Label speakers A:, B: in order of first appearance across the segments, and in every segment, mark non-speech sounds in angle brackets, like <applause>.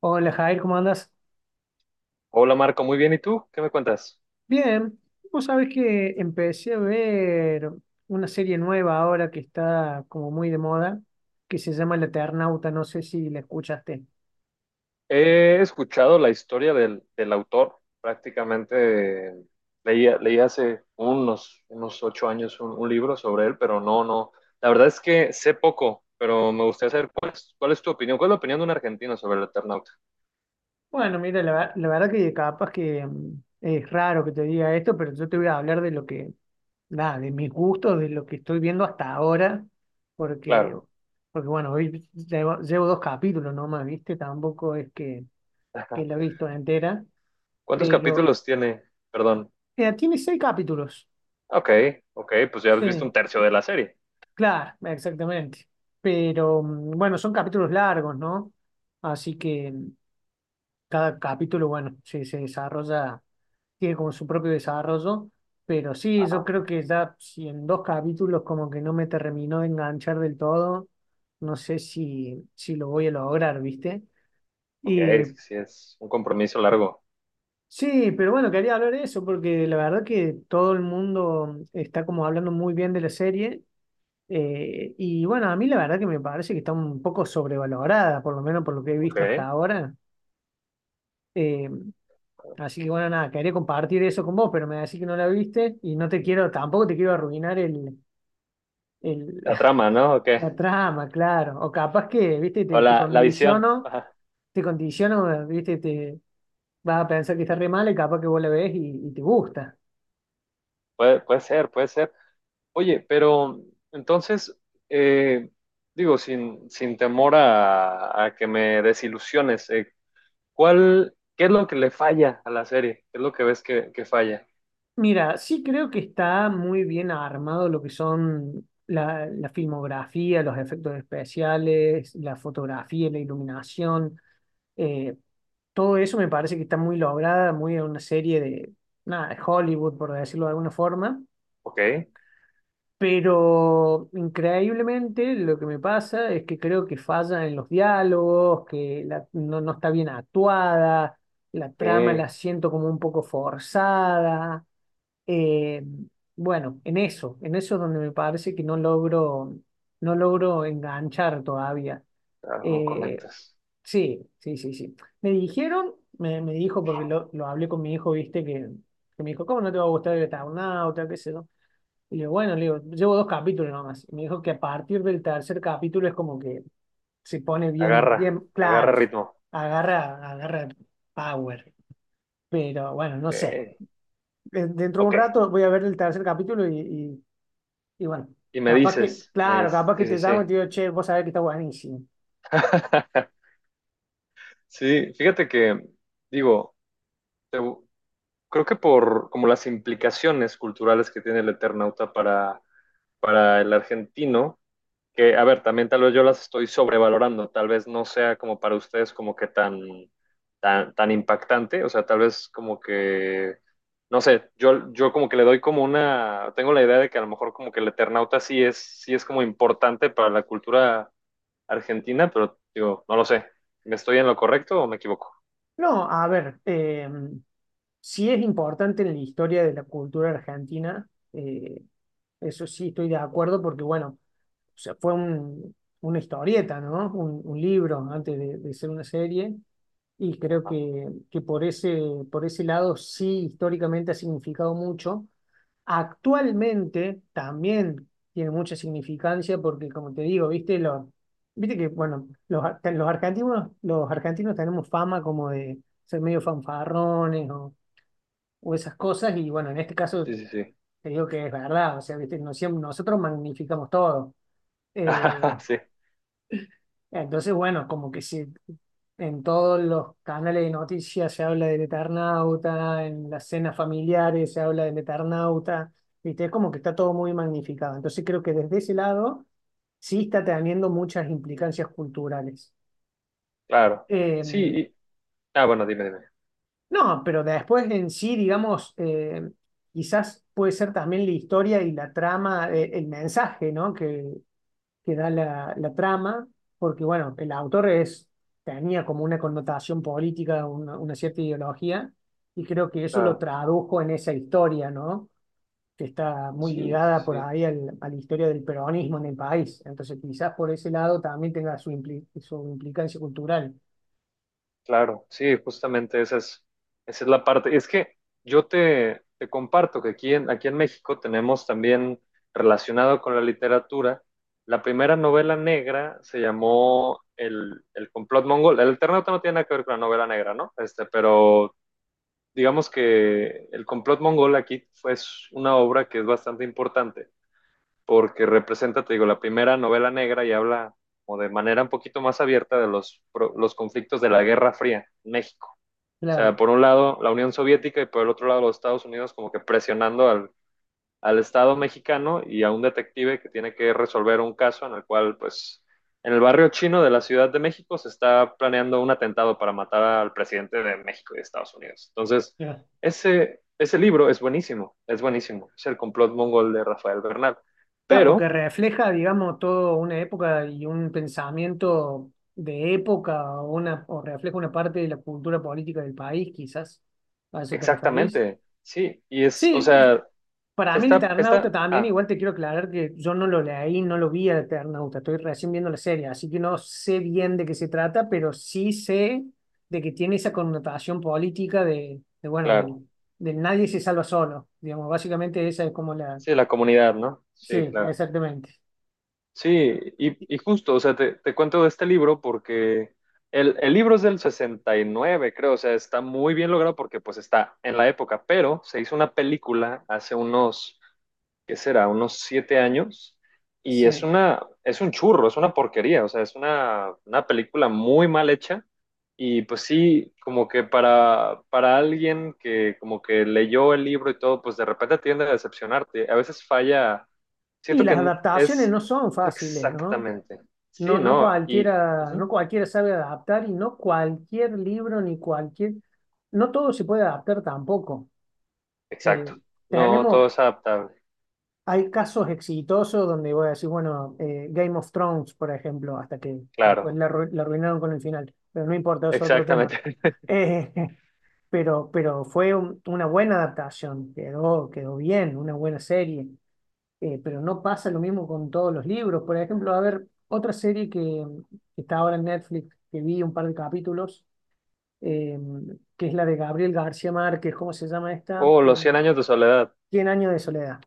A: Hola Jair, ¿cómo andas?
B: Hola Marco, muy bien. ¿Y tú? ¿Qué me cuentas?
A: Bien, vos sabés que empecé a ver una serie nueva ahora que está como muy de moda, que se llama El Eternauta, no sé si la escuchaste.
B: He escuchado la historia del autor. Prácticamente leí hace unos 8 años un libro sobre él, pero no. La verdad es que sé poco, pero me gustaría saber cuál es tu opinión. ¿Cuál es la opinión de un argentino sobre el Eternauta?
A: Bueno, mira, la verdad que capaz que es raro que te diga esto, pero yo te voy a hablar de mis gustos, de lo que estoy viendo hasta ahora, porque,
B: Claro.
A: porque bueno, hoy llevo dos capítulos nomás, ¿viste? Tampoco es que
B: <laughs>
A: la he visto entera.
B: ¿Cuántos
A: Pero
B: capítulos tiene? Perdón.
A: Mira, tiene seis capítulos.
B: Ok, ok, pues ya has visto un
A: Sí,
B: tercio de la serie.
A: claro, exactamente. Pero bueno, son capítulos largos, ¿no? Así que cada capítulo, bueno, se desarrolla, tiene como su propio desarrollo. Pero sí, yo
B: Ajá.
A: creo que ya si en dos capítulos como que no me terminó de enganchar del todo, no sé si lo voy a lograr, ¿viste?
B: Ok,
A: Y
B: es que sí, es un compromiso largo.
A: sí, pero bueno, quería hablar de eso porque la verdad que todo el mundo está como hablando muy bien de la serie. Y bueno, a mí la verdad que me parece que está un poco sobrevalorada, por lo menos por lo que he
B: Ok.
A: visto hasta ahora. Eh, Así que bueno, nada, quería compartir eso con vos, pero me decís que no la viste y no te quiero, tampoco te quiero arruinar el-
B: La trama,
A: <laughs>
B: ¿no? Ok.
A: la trama, claro. O capaz que, viste,
B: O
A: te
B: la visión.
A: condiciono,
B: <laughs>
A: viste, te vas a pensar que está re mal y capaz que vos la ves y te gusta.
B: Puede ser, puede ser. Oye, pero entonces, eh, digo, sin temor a que me desilusiones, ¿qué es lo que le falla a la serie? ¿Qué es lo que ves que falla?
A: Mira, sí creo que está muy bien armado lo que son la filmografía, los efectos especiales, la fotografía, la iluminación. eh, Todo eso me parece que está muy lograda, muy en una serie de, nada, de Hollywood, por decirlo de alguna forma.
B: Ok,
A: Pero increíblemente lo que me pasa es que creo que falla en los diálogos, que no, no está bien actuada, la trama la
B: ok,
A: siento como un poco forzada. Eh, bueno, en eso es donde me parece que no logro, no logro enganchar todavía.
B: claro, no
A: Eh,
B: conectas.
A: sí, sí, sí, sí. Me dijo, porque lo hablé con mi hijo, viste, que me dijo, ¿cómo no te va a gustar el Eternauta, qué sé yo? Y le digo, bueno, le digo, llevo dos capítulos nomás. Y me dijo que a partir del tercer capítulo es como que se pone bien,
B: Agarra,
A: bien
B: agarra
A: claro,
B: ritmo.
A: agarra power. Pero bueno, no
B: Ok,
A: sé. Dentro de un
B: ok.
A: rato voy a ver el tercer capítulo y bueno,
B: Y me
A: capaz que,
B: dices, me
A: claro,
B: dices,
A: capaz que
B: sí,
A: te
B: sí,
A: llamo y
B: sí.
A: te digo, che, vos sabés que está buenísimo.
B: <laughs> Sí, fíjate que, digo, te- creo que por como las implicaciones culturales que tiene el Eternauta para el argentino, que, a ver, también tal vez yo las estoy sobrevalorando, tal vez no sea como para ustedes como que tan, impactante, o sea, tal vez como que, no sé, yo como que le doy como una, tengo la idea de que a lo mejor como que el Eternauta sí es como importante para la cultura argentina, pero digo, no lo sé, ¿me estoy en lo correcto o me equivoco?
A: No, a ver, sí es importante en la historia de la cultura argentina, eso sí estoy de acuerdo, porque bueno, o sea, una historieta, ¿no? Un libro antes de ser una serie, y creo
B: Ajá.
A: que por por ese lado sí históricamente ha significado mucho. Actualmente también tiene mucha significancia porque, como te digo, viste, viste que, bueno, los argentinos tenemos fama como de ser medio fanfarrones o esas cosas y, bueno, en este caso
B: Sí, sí, sí.
A: te digo que es verdad, o sea, viste, no siem- nosotros magnificamos todo. Eh,
B: <laughs> Sí.
A: entonces, bueno, en todos los canales de noticias se habla del Eternauta, en las cenas familiares se habla del Eternauta, ¿viste? Es como que está todo muy magnificado. Entonces creo que desde ese lado sí está teniendo muchas implicancias culturales.
B: Claro,
A: Eh,
B: sí, y- ah, bueno, dime,
A: no, pero después en sí, digamos, quizás puede ser también la historia y la trama, el mensaje, ¿no? Que da la trama, porque bueno, tenía como una connotación política, una cierta ideología, y creo que eso lo
B: claro,
A: tradujo en esa historia, ¿no? Que está muy
B: sí,
A: ligada
B: sí,
A: por
B: sí,
A: ahí a la historia del peronismo en el país. Entonces, quizás por ese lado también tenga su, su implicancia cultural.
B: claro, sí, justamente esa es la parte, es que yo te comparto que aquí en México tenemos también relacionado con la literatura, la primera novela negra se llamó el complot mongol, el Eternauta no tiene nada que ver con la novela negra, ¿no? Este, pero digamos que El complot mongol aquí fue es una obra que es bastante importante porque representa, te digo, la primera novela negra y habla o de manera un poquito más abierta de los conflictos de la Guerra Fría en México. O
A: Claro,
B: sea, por un lado la Unión Soviética y por el otro lado los Estados Unidos como que presionando al Estado mexicano y a un detective que tiene que resolver un caso en el cual, pues, en el barrio chino de la Ciudad de México se está planeando un atentado para matar al presidente de México y de Estados Unidos. Entonces,
A: ya.
B: ese libro es buenísimo, es buenísimo. Es el complot mongol de Rafael Bernal.
A: Está, porque
B: Pero
A: refleja, digamos, toda una época y un pensamiento de época o, una, o refleja una parte de la cultura política del país, quizás. ¿A eso te referís?
B: exactamente, sí, y es, o
A: Sí, yo-
B: sea,
A: para mí el Eternauta también,
B: ah,
A: igual te quiero aclarar que yo no lo leí, no lo vi al Eternauta, estoy recién viendo la serie, así que no sé bien de qué se trata, pero sí sé de que tiene esa connotación política bueno,
B: claro,
A: del nadie se salva solo, digamos, básicamente esa es como la...
B: sí, la comunidad, ¿no? Sí,
A: Sí,
B: claro.
A: exactamente,
B: Sí, y justo, o sea, te cuento de este libro porque el libro es del 69, creo, o sea, está muy bien logrado porque pues está en la época, pero se hizo una película hace unos ¿qué será? Unos 7 años. Y es
A: sí.
B: una, es un churro, es una porquería, o sea, es una película muy mal hecha. Y pues sí, como que para alguien que como que leyó el libro y todo, pues de repente tiende a decepcionarte. A veces falla,
A: Y
B: siento que
A: las adaptaciones
B: es
A: no son fáciles, ¿no?
B: exactamente,
A: No,
B: sí,
A: no
B: ¿no? Y,
A: cualquiera,
B: ujú,
A: no cualquiera sabe adaptar y no cualquier libro ni cualquier, no todo se puede adaptar tampoco.
B: exacto,
A: Eh,
B: no, todo
A: Tenemos,
B: es adaptable,
A: hay casos exitosos donde voy a decir, bueno, Game of Thrones, por ejemplo, hasta que después
B: claro,
A: la arruinaron con el final, pero no importa, es otro tema.
B: exactamente. <laughs>
A: Eh, <laughs> pero una buena adaptación, quedó bien, una buena serie. Pero no pasa lo mismo con todos los libros. Por ejemplo, a ver, otra serie que está ahora en Netflix, que vi un par de capítulos, eh, que es la de Gabriel García Márquez, ¿cómo se llama esta?
B: Oh, los Cien años de soledad.
A: Cien años de soledad.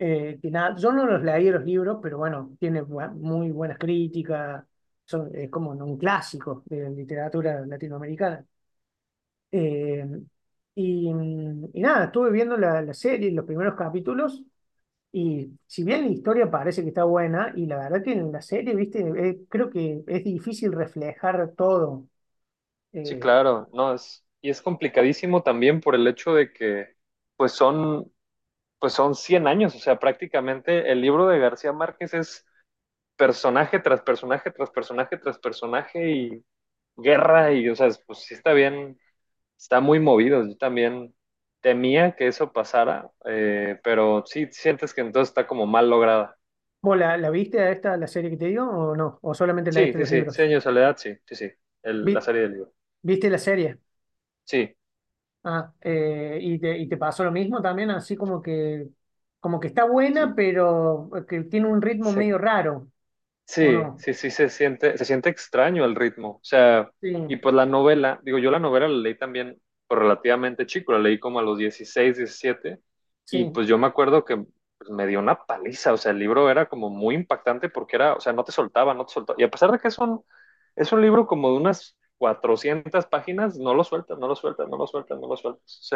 A: Que nada, yo no los leí los libros, pero bueno, tiene muy buenas críticas, es como un clásico de la literatura latinoamericana. Eh, y, y nada, estuve viendo la serie, los primeros capítulos. Y si bien la historia parece que está buena, y la verdad que en la serie, viste, eh, creo que es difícil reflejar todo.
B: Sí,
A: Eh,
B: claro, no es y es complicadísimo también por el hecho de que pues son pues son 100 años, o sea, prácticamente el libro de García Márquez es personaje tras personaje tras personaje tras personaje y guerra y o sea, pues sí está bien, está muy movido. Yo también temía que eso pasara, pero sí sientes que entonces está como mal lograda.
A: ¿Vos la viste a esta, la serie que te digo, o no? ¿O solamente la
B: Sí,
A: viste
B: sí,
A: los
B: sí, Cien
A: libros?
B: años de Soledad, sí, sí, sí, la
A: Vi-
B: serie del libro.
A: ¿Viste la serie?
B: Sí,
A: Ah, y te pasó lo mismo también, así como que está
B: sí,
A: buena, pero que tiene un ritmo
B: se
A: medio raro, ¿o
B: sí,
A: no?
B: sí, sí, se siente extraño el ritmo. O sea,
A: Sí,
B: y pues la novela, digo, yo la novela la leí también pues, relativamente chico, la leí como a los 16, 17, y
A: sí,
B: pues yo me acuerdo que pues, me dio una paliza, o sea, el libro era como muy impactante porque era, o sea, no te soltaba, no te soltaba. Y a pesar de que es un libro como de unas 400 páginas, no lo sueltas, no lo sueltas, no lo sueltas, no lo sueltas.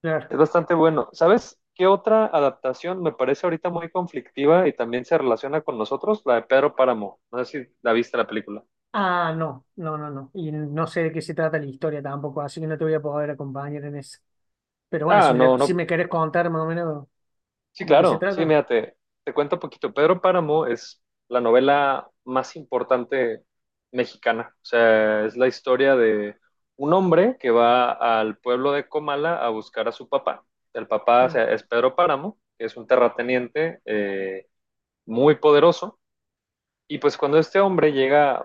A: claro.
B: Es bastante bueno. ¿Sabes qué otra adaptación me parece ahorita muy conflictiva y también se relaciona con nosotros? La de Pedro Páramo. No sé si la viste la película.
A: Ah, no, no, no, no. Y no sé de qué se trata la historia tampoco, así que no te voy a poder acompañar en eso. Pero bueno,
B: Ah, no,
A: si
B: no.
A: me querés contar más o menos
B: Sí,
A: de qué se
B: claro. Sí,
A: trata.
B: mira, te cuento un poquito. Pedro Páramo es la novela más importante mexicana. O sea, es la historia de un hombre que va al pueblo de Comala a buscar a su papá. El papá, o
A: Sí,
B: sea, es Pedro Páramo, que es un terrateniente, muy poderoso. Y pues cuando este hombre llega,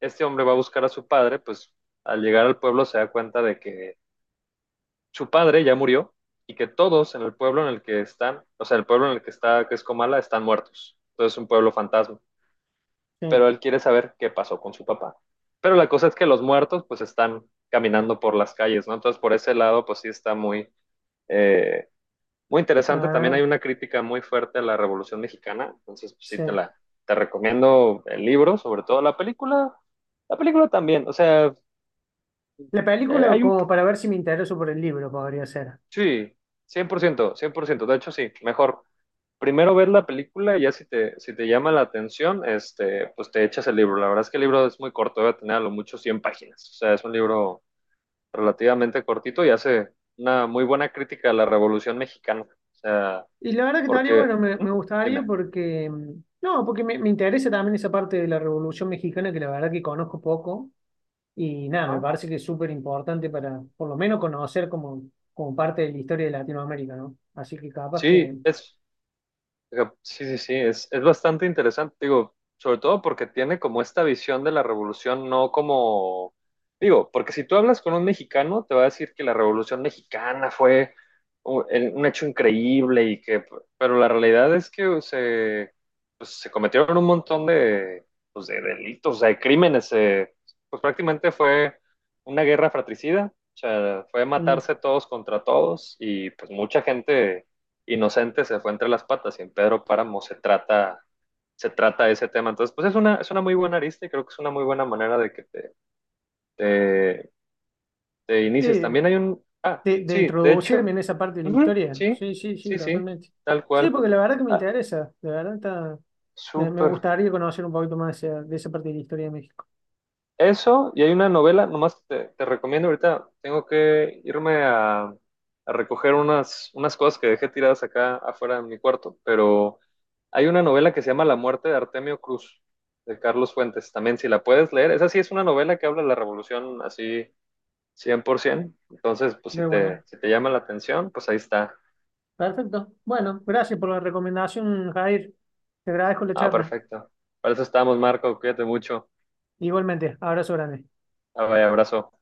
B: este hombre va a buscar a su padre, pues al llegar al pueblo se da cuenta de que su padre ya murió y que todos en el pueblo en el que están, o sea, el pueblo en el que está, que es Comala, están muertos. Entonces es un pueblo fantasma.
A: sí.
B: Pero él quiere saber qué pasó con su papá. Pero la cosa es que los muertos pues están caminando por las calles, ¿no? Entonces por ese lado pues sí está muy, eh, muy interesante. También
A: Ah,
B: hay una crítica muy fuerte a la Revolución Mexicana, entonces pues, sí te
A: sí.
B: la te recomiendo el libro, sobre todo la película. La película también, o sea,
A: La película
B: hay un
A: como para ver si me intereso por el libro podría ser.
B: sí, 100% 100%, de hecho sí, mejor primero ver la película y ya si te si te llama la atención, este, pues te echas el libro. La verdad es que el libro es muy corto, debe tener a lo mucho 100 páginas. O sea, es un libro relativamente cortito y hace una muy buena crítica a la Revolución Mexicana. O sea,
A: Y la verdad que estaría
B: porque
A: bueno,
B: ¿eh?
A: me gustaría
B: Dime,
A: porque... no, porque me interesa también esa parte de la Revolución Mexicana que la verdad que conozco poco. Y nada, me
B: ¿ah?
A: parece que es súper importante para por lo menos conocer como, como parte de la historia de Latinoamérica, ¿no? Así que capaz que...
B: Sí, es, sí, sí, sí, es bastante interesante, digo, sobre todo porque tiene como esta visión de la revolución, no como, digo, porque si tú hablas con un mexicano, te va a decir que la revolución mexicana fue un hecho increíble y que, pero la realidad es que se, pues, se cometieron un montón de, pues, de delitos, o sea, de crímenes, pues prácticamente fue una guerra fratricida, o sea, fue
A: mm,
B: matarse todos contra todos y pues mucha gente inocente se fue entre las patas y en Pedro Páramo se trata ese tema. Entonces, pues es una muy buena arista y creo que es una muy buena manera de que te, te inicies.
A: sí,
B: También hay un... Ah,
A: de
B: sí, de hecho,
A: introducirme en esa parte de la
B: ujú,
A: historia.
B: sí,
A: Sí, sí, sí,
B: sí, sí,
A: totalmente.
B: tal
A: Sí,
B: cual.
A: porque la verdad que me
B: Ah,
A: interesa, la verdad está... me
B: súper.
A: gustaría conocer un poquito más de de esa parte de la historia de México.
B: Eso, y hay una novela, nomás te recomiendo, ahorita tengo que irme a recoger unas, unas cosas que dejé tiradas acá afuera de mi cuarto, pero hay una novela que se llama La muerte de Artemio Cruz, de Carlos Fuentes, también si la puedes leer, esa sí es una novela que habla de la revolución así 100%, entonces pues si
A: De buena.
B: te, si te llama la atención, pues ahí está.
A: Perfecto. Bueno, gracias por la recomendación, Jair. Te agradezco la
B: Ah,
A: charla.
B: perfecto. Para eso estamos, Marco, cuídate mucho.
A: Igualmente, abrazo grande.
B: Ah, vaya, abrazo.